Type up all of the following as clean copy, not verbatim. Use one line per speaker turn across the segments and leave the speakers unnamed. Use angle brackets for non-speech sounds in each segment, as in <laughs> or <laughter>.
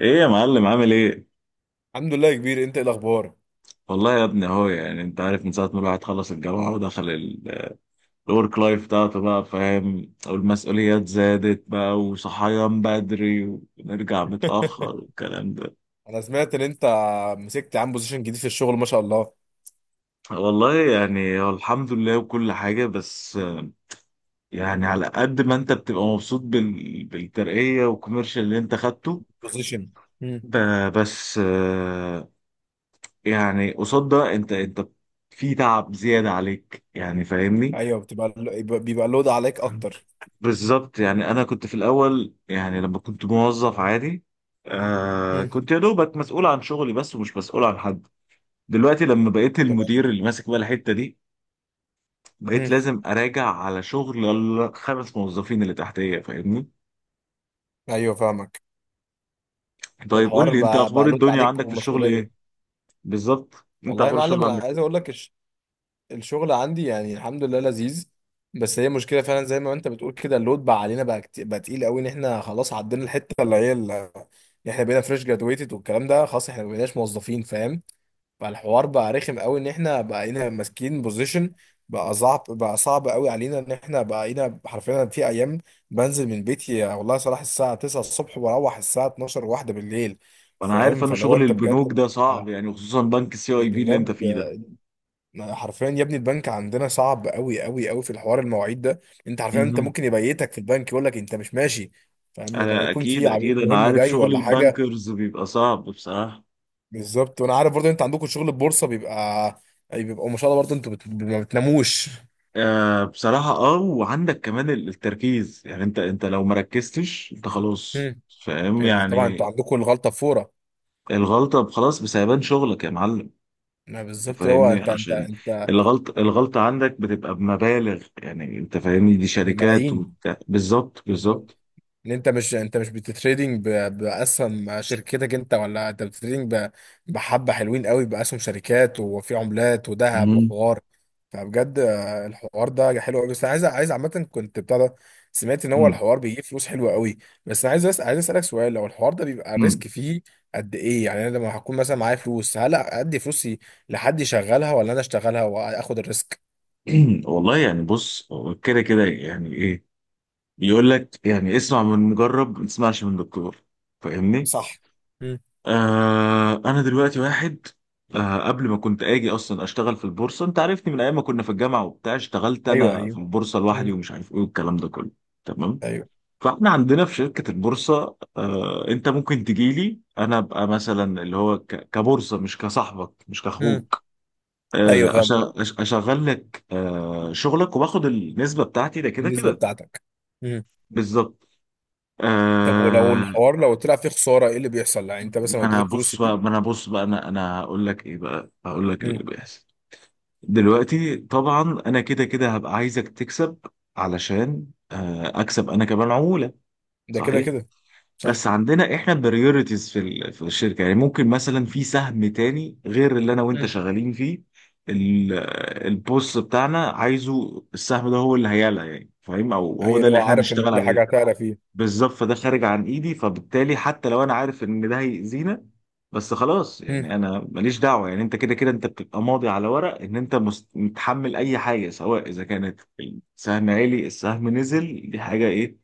ايه يا معلم، عامل ايه؟
الحمد لله يا كبير، انت ايه الاخبار؟
والله يا ابني اهو، يعني انت عارف من ساعة ما الواحد خلص الجامعة ودخل الورك لايف بتاعته، بقى فاهم، والمسؤوليات زادت بقى، وصحيان بدري ونرجع متأخر والكلام ده.
انا سمعت ان انت مسكت عن بوزيشن جديد في الشغل، ما شاء الله.
والله يعني هو الحمد لله وكل حاجة، بس يعني على قد ما انت بتبقى مبسوط بالترقية والكوميرشال اللي انت خدته.
بوزيشن. مم.
ب... بس يعني قصاد ده انت في تعب زيادة عليك، يعني فاهمني؟
ايوه، بيبقى لود عليك اكتر.
بالظبط. يعني انا كنت في الاول، يعني لما كنت موظف عادي،
مم.
كنت يا دوبك مسؤول عن شغلي بس، ومش مسؤول عن حد. دلوقتي لما بقيت
تمام.
المدير اللي ماسك بقى الحته دي، بقيت
مم.
لازم اراجع على شغل الخمس موظفين اللي تحتيه، فاهمني؟
ايوه، فاهمك.
طيب قول
فالحوار
لي، انت
بقى,
اخبار
بقى لود
الدنيا
عليك
عندك في الشغل ايه؟
ومسؤوليه.
بالظبط، انت
والله يا
اخبار الشغل
معلم، انا
عندك
عايز
ايه؟
اقول لك الشغل عندي يعني الحمد لله لذيذ. بس هي مشكله فعلا زي ما انت بتقول كده، اللود بقى علينا بقى تقيل قوي ان احنا خلاص عدينا الحته اللي هي احنا بقينا فريش جرادويتد والكلام ده، خلاص احنا ما بقيناش موظفين، فاهم. فالحوار بقى رخم قوي ان احنا بقينا ماسكين بوزيشن، بقى صعب، بقى صعب قوي علينا ان احنا بقينا حرفيا، أنا في ايام بنزل من بيتي يا والله صلاح الساعه 9 الصبح واروح الساعه 12 واحدة بالليل،
انا
فاهم.
عارف، انا
فلو
شغل
انت بجد،
البنوك ده صعب،
آه،
يعني خصوصا بنك سي اي بي اللي انت
بجد
فيه ده.
حرفيا يا ابني البنك عندنا صعب قوي قوي قوي في الحوار المواعيد ده. انت حرفيا انت
مهم.
ممكن يبيتك في البنك يقول لك انت مش ماشي، فاهم، لما
انا
يكون في
اكيد
عميل
اكيد انا
مهم
عارف
جاي
شغل
ولا حاجه.
البنكرز بيبقى صعب بصراحه.
بالظبط، وانا عارف برضو انت عندكم شغل البورصه بيبقى ما شاء الله، برضو انتوا ما بتناموش.
بصراحة، وعندك كمان التركيز، يعني انت لو ما ركزتش انت خلاص،
هم.
فاهم
طبعا انتوا
يعني.
عندكم الغلطه بفوره.
الغلطة خلاص بسيبان شغلك يا معلم،
ما
انت
بالظبط، هو
فاهمني؟
انت انت
عشان
انت
الغلطة عندك بتبقى بمبالغ، يعني انت فاهمني، دي شركات
بملايين،
وبتاع. بالظبط بالظبط.
ان انت مش بتتريدنج باسهم شركتك انت، ولا انت بتتريدنج بحبه حلوين قوي باسهم شركات وفي عملات وذهب
مم.
وحوار. فبجد، الحوار ده حلو قوي. بس انا عايز عامه كنت بتاع ده. سمعت ان هو
مم.
الحوار بيجيب فلوس حلوه قوي. بس انا عايز اسالك سؤال، لو الحوار ده بيبقى
مم.
الريسك فيه قد ايه؟ يعني انا لما هكون مثلا معايا فلوس، هل ادي فلوسي لحد يشغلها ولا انا اشتغلها واخد الريسك؟
<clears throat> والله يعني بص، هو كده كده، يعني ايه؟ يقول لك يعني: اسمع من مجرب ما تسمعش من دكتور. فاهمني؟
صح. مم.
انا دلوقتي واحد، قبل ما كنت اجي اصلا اشتغل في البورصه، انت عارفني من ايام ما كنا في الجامعه وبتاع، اشتغلت
ايوه،
انا في
ايوه.
البورصه
مم.
لوحدي ومش عارف ايه والكلام ده كله. تمام.
ايوه.
فاحنا عندنا في شركه البورصه، انت ممكن تجي لي، انا ابقى مثلا اللي هو كبورصه، مش كصاحبك مش
مم.
كاخوك.
ايوه،
اشغل لك شغلك وباخد النسبه بتاعتي، ده كده
النسبه
كده.
بتاعتك. مم.
بالظبط.
طب ولو
آه
الحوار لو طلع فيه خساره، ايه اللي بيحصل؟ يعني انت مثلا
ما انا
وديتك فلوس
بص
دي.
بقى ما انا بص بقى انا هقول لك ايه بقى، هقول لك اللي
مم.
بيحصل. دلوقتي طبعا انا كده كده هبقى عايزك تكسب، علشان اكسب انا كمان عمولة.
ده كده
صحيح.
كده، صح.
بس عندنا احنا بريورتيز في الشركة، يعني ممكن مثلا في سهم تاني غير اللي انا وانت
مم.
شغالين فيه. ال- البوس بتاعنا عايزه السهم ده هو اللي هيعلى، يعني فاهم؟ او هو
اي،
ده
اللي
اللي
هو
احنا
عارف ان
هنشتغل
في حاجه
عليه.
هتعلى فيه.
بالظبط، فده خارج عن ايدي. فبالتالي حتى لو انا عارف ان ده هيأذينا، بس خلاص،
مم.
يعني انا ماليش دعوه. يعني انت كده كده انت بتبقى ماضي على ورق ان انت متحمل اي حاجه، سواء اذا كانت السهم عالي، السهم نزل، دي حاجه ايه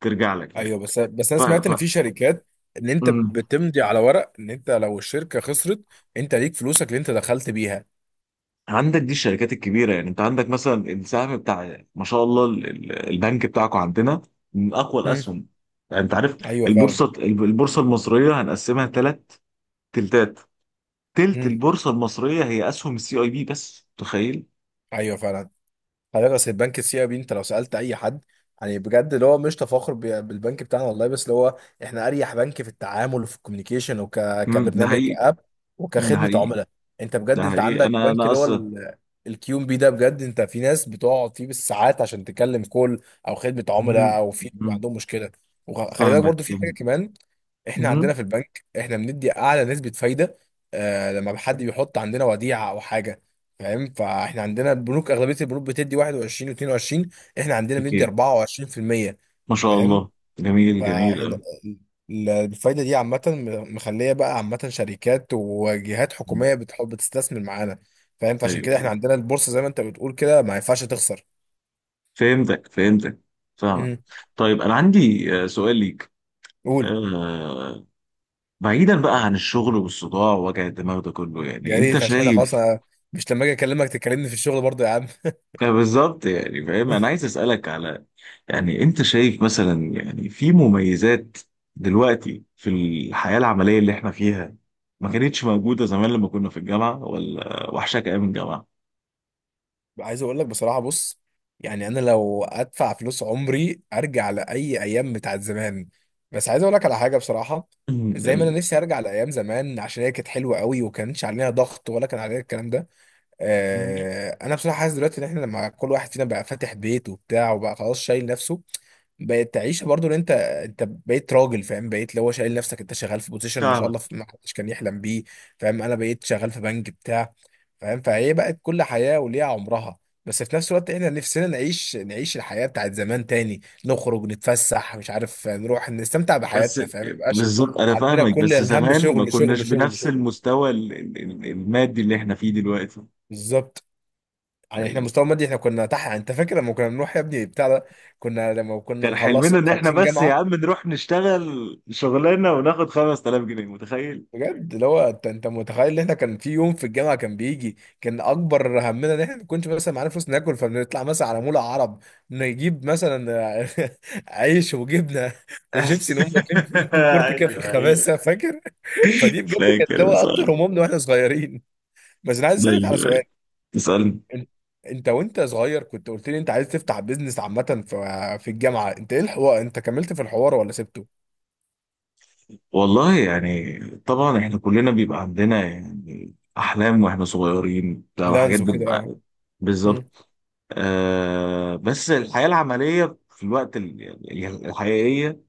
ترجع لك يعني.
ايوه، بس انا
ف...
سمعت
ف...
ان في شركات ان انت
مم.
بتمضي على ورق ان انت لو الشركه خسرت، انت ليك فلوسك اللي انت دخلت بيها.
عندك، دي الشركات الكبيره، يعني انت عندك مثلا السهم بتاع ما شاء الله البنك بتاعكم عندنا من اقوى
مم.
الاسهم، يعني انت عارف.
ايوه، فعلا.
البورصه المصريه هنقسمها ثلاث تلتات. تلت
مم.
البورصة المصرية هي أسهم السي أي بي، بس تخيل.
ايوه، فعلا. حضرتك اصل البنك السي اي بي، انت لو سالت اي حد، يعني بجد اللي هو مش تفاخر بالبنك بتاعنا والله، بس اللي هو احنا اريح بنك في التعامل وفي الكوميونيكيشن
مم، ده
كبرنامج
حقيقي.
كاب
ده
وكخدمه
حقيقي.
عملاء. انت بجد
ده
انت
حقيقي.
عندك
أنا
بنك
أنا
اللي هو
أصلا.
الكيو ام بي، ده بجد، انت في ناس بتقعد فيه بالساعات عشان تكلم كول او خدمه عملاء
مم.
او في
مم.
عندهم مشكله. وخلي بالك
فاهمك
برضو في حاجه
فاهمك.
كمان، احنا
مم.
عندنا في البنك احنا بندي اعلى نسبه فايده. آه، لما حد بيحط عندنا وديعه او حاجه، فاهم، فاحنا عندنا البنوك، اغلبيه البنوك بتدي 21 و22، احنا عندنا بندي
أكيد،
24%،
ما شاء
فاهم.
الله. جميل جميل
فاحنا
أوي.
الفايده دي عامه، مخليه بقى عامه شركات وجهات
مم.
حكوميه بتحب تستثمر معانا، فاهم، فعشان كده احنا
أيوه،
عندنا البورصه زي ما انت بتقول كده، ما ينفعش تخسر.
فهمتك فهمتك. فاهمك.
امم
طيب أنا عندي سؤال ليك.
قول.
آه، بعيدا بقى عن الشغل والصداع ووجع الدماغ ده كله، يعني
يا
أنت
ريت، عشان احنا خلاص،
شايف؟
أنا مش لما اجي اكلمك تكلمني في الشغل برضه يا عم.
بالظبط، يعني فاهم. أنا عايز أسألك على، يعني انت شايف مثلا يعني في مميزات دلوقتي في الحياة العملية اللي احنا فيها ما كانتش موجودة زمان لما كنا في الجامعة؟ ولا وحشك ايام الجامعة؟
عايز اقول لك بصراحه، بص، يعني انا لو ادفع فلوس عمري ارجع لاي ايام بتاعت زمان. بس عايز اقول لك على حاجه بصراحه.
<clears throat>
زي ما انا
ال-
نفسي ارجع لايام زمان، عشان هي كانت حلوه قوي وكانش عليها ضغط ولا كان عليها الكلام ده. انا بصراحه حاسس دلوقتي ان احنا لما كل واحد فينا بقى فاتح بيت وبتاع وبقى خلاص شايل نفسه، بقت تعيشه برضو، ان انت بقيت راجل، فاهم، بقيت اللي هو شايل نفسك، انت شغال في بوزيشن ما شاء
فاهمك
الله ما حدش كان يحلم بيه. فاهم، انا بقيت شغال في بنك بتاع، فاهم، فهي بقت كل حياه وليها عمرها. بس في نفس الوقت احنا نفسنا نعيش نعيش الحياه بتاعت زمان تاني، نخرج نتفسح مش عارف، نروح نستمتع
بس.
بحياتنا، فاهم، ما يبقاش
بالظبط انا
عندنا
فاهمك.
كل
بس
الهم
زمان ما
شغل
كناش
شغل شغل
بنفس
شغل.
المستوى المادي اللي احنا فيه دلوقتي.
بالظبط. يعني احنا
ايوه،
مستوى مادي، احنا كنا تحت، يعني انت فاكر لما كنا بنروح يا ابني بتاع ده؟ كنا لما كنا
كان
مخلص
حلمنا ان احنا
مخلصين
بس يا
جامعه.
عم نروح نشتغل شغلانة وناخد 5000 جنيه، متخيل؟
بجد، اللي هو انت متخيل ان احنا كان في يوم في الجامعه كان اكبر همنا ان احنا ما كناش مثلا معانا فلوس ناكل، فبنطلع مثلا على مول عرب، نجيب مثلا <laughs> عيش وجبنه
<laughs>
وشيبسي، نقوم واكلين في الفود كورت كده في
ايوه ايوه،
الخباثه، فاكر؟ <laughs> فدي بجد كانت اللي
فاكر
هو اكتر
بصراحة.
همومنا واحنا صغيرين. بس انا عايز اسالك
ايوه
على سؤال.
ايوه، اسألني.
إن- انت وانت صغير كنت قلت لي انت عايز تفتح بيزنس عامة في الجامعة، انت ايه الحوار، انت كملت في الحوار ولا سبته؟
والله يعني، طبعا احنا كلنا بيبقى عندنا يعني احلام واحنا صغيرين بتاع حاجات
لانز وكده، يعني.
بنبقى-
مم.
بالظبط. بس الحياة العملية في الوقت يعني الحقيقية،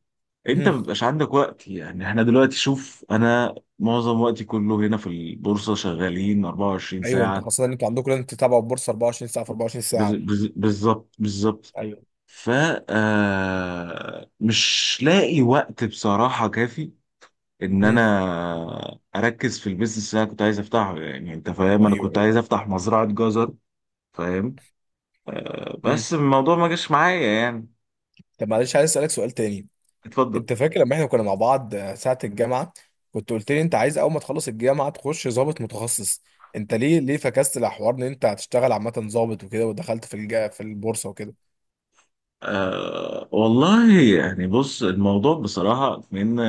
انت
مم.
ما بيبقاش عندك وقت. يعني احنا دلوقتي، شوف انا معظم وقتي كله هنا في البورصة، شغالين 24
ايوه، انت
ساعة.
خاصة ان انتوا عندكم لازم تتابعوا البورصة 24 ساعة في 24 ساعة.
بالظبط بالظبط.
ايوه.
ف آه، مش لاقي وقت بصراحة كافي ان
مم.
انا اركز في البيزنس اللي انا كنت عايز افتحه. يعني انت فاهم، انا
ايوه،
كنت
ايوه.
عايز افتح مزرعة جزر. فاهم.
مم.
بس الموضوع ما جاش معايا يعني.
طب معلش، عايز اسألك سؤال تاني.
اتفضل.
انت فاكر لما احنا كنا مع بعض ساعة الجامعة، كنت قلت لي انت عايز اول ما تخلص الجامعة تخش ضابط متخصص. انت ليه فكست الحوار ان انت هتشتغل عامة ضابط وكده ودخلت في البورصة وكده؟
والله يعني بص، الموضوع بصراحة من،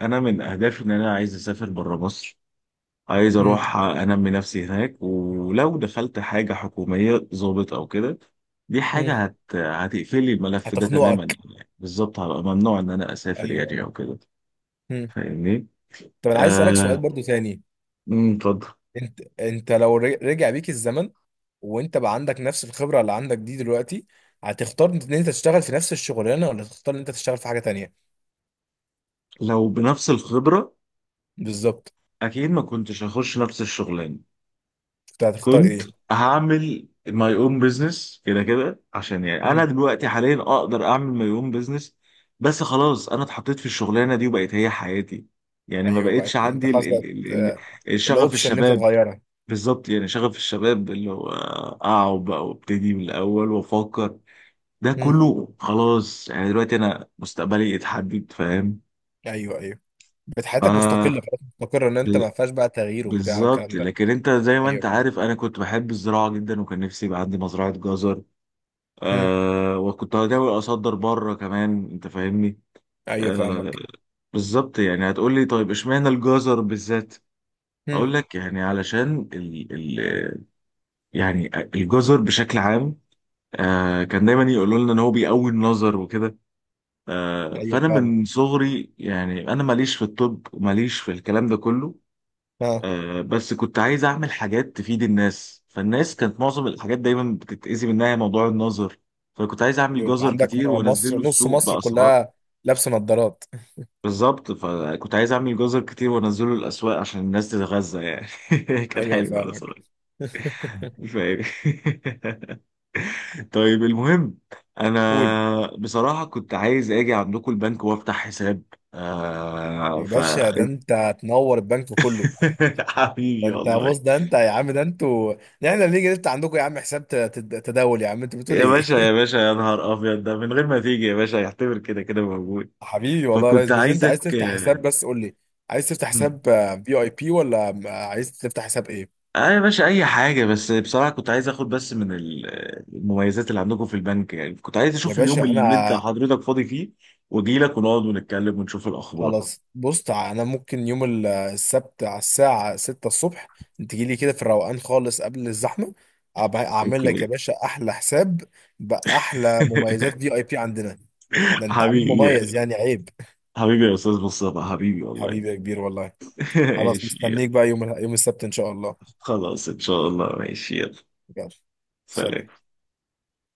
انا من اهدافي ان انا عايز اسافر بره مصر. عايز
مم.
اروح انمي نفسي هناك، ولو دخلت حاجة حكومية ضابط او كده، دي حاجة
مم.
هتقفلي الملف ده تماما.
هتخنقك.
يعني بالظبط، هبقى ممنوع ان انا اسافر
ايوه،
يعني
ايوه.
او كده،
مم.
فاهمني؟
طب انا عايز اسالك
آه،
سؤال برضو تاني.
أمم، اتفضل.
انت لو رجع بيك الزمن، وانت بقى عندك نفس الخبره اللي عندك دي دلوقتي، هتختار ان انت تشتغل في نفس الشغلانه، ولا تختار ان انت تشتغل في حاجه تانية؟
لو بنفس الخبرة،
بالظبط.
أكيد ما كنتش هخش نفس الشغلانة.
انت هتختار
كنت
ايه؟
هعمل ماي اون بزنس، كده كده عشان يعني أنا
مم.
دلوقتي حاليا أقدر أعمل ماي اون بزنس. بس خلاص، أنا اتحطيت في الشغلانة دي وبقت هي حياتي، يعني ما
ايوه
بقتش
بقى، انت
عندي
خلاص بقى،
ال شغف
الاوبشن ان انت
الشباب.
تغيرها.
بالظبط، يعني شغف الشباب اللي هو أقعد بقى وابتدي من الأول وأفكر، ده
مم.
كله خلاص. يعني دلوقتي أنا مستقبلي اتحدد، فاهم
ايوه، ايوه. بقت
ف
حياتك مستقله خلاص، مستقره، ان انت ما فيهاش بقى تغيير وبتاع
بالظبط،
والكلام ده.
لكن انت زي ما انت
ايوه، فاهم.
عارف، انا كنت بحب الزراعه جدا، وكان نفسي يبقى عندي مزرعه جزر.
مم.
وكنت هحاول اصدر بره كمان، انت فاهمني.
ايوه،
آه
فاهمك.
بالظبط، يعني هتقول لي طيب اشمعنى الجزر بالذات؟
مم.
اقول لك يعني علشان ال ال يعني الجزر بشكل عام، كان دايما يقولوا لنا ان هو بيقوي النظر وكده.
ايوه،
فانا من صغري، يعني انا ماليش في الطب وماليش في الكلام ده كله.
فعلا.
بس كنت عايز اعمل حاجات تفيد الناس، فالناس كانت معظم الحاجات دايما بتتأذي منها موضوع النظر. فكنت عايز اعمل
ايوه، انت
جزر
عندك
كتير
مصر،
وانزله
نص
السوق
مصر
باسعار.
كلها لابسه نظارات.
بالظبط، فكنت عايز اعمل جزر كتير وانزله الاسواق عشان الناس تتغذى يعني. <laughs>
<laughs>
كان
ايوه،
حلو انا
فاهمك.
صراحه،
<laughs>
مش فاهم. <laughs> طيب المهم،
قول.
انا بصراحه كنت عايز اجي عندكم البنك وافتح حساب. آه
يا
ف
باشا، ده انت تنور البنك كله.
<laughs>
ده
حبيبي
انت
والله.
بص، ده انت يا عم، ده انتوا، ده احنا بنيجي نفتح عندكم يا عم، حساب تداول، يا عم انت بتقول
يا
ايه؟
باشا يا
<laughs>
باشا، يا نهار ابيض، ده من غير ما تيجي يا باشا يعتبر كده كده موجود.
حبيبي والله يا ريس،
فكنت
بس انت عايز
عايزك
تفتح حساب،
آه
بس قول لي، عايز تفتح
مم.
حساب في اي بي، ولا عايز تفتح حساب ايه؟
يا باشا، اي حاجه، بس بصراحه كنت عايز اخد بس من المميزات اللي عندكم في البنك. يعني كنت عايز
يا
اشوف اليوم
باشا
اللي انت
انا
حضرتك فاضي فيه واجي لك ونقعد ونتكلم ونشوف الاخبار.
خلاص، بص، انا ممكن يوم السبت على الساعة 6 الصبح، تجي لي كده في الروقان خالص قبل الزحمة، اعمل لك
اوكي.
يا باشا احلى حساب باحلى
<laughs>
مميزات في اي بي عندنا. ده انت عميل
حبيبي،
مميز، يعني عيب.
حبيبي يا استاذ مصطفى، حبيبي
<laughs>
والله.
حبيبي يا كبير والله.
<laughs>
خلاص،
ماشي.
مستنيك بقى يوم السبت ان شاء الله.
خلاص ان شاء الله، ماشي. يلا،
يلا. سلام.
سلام.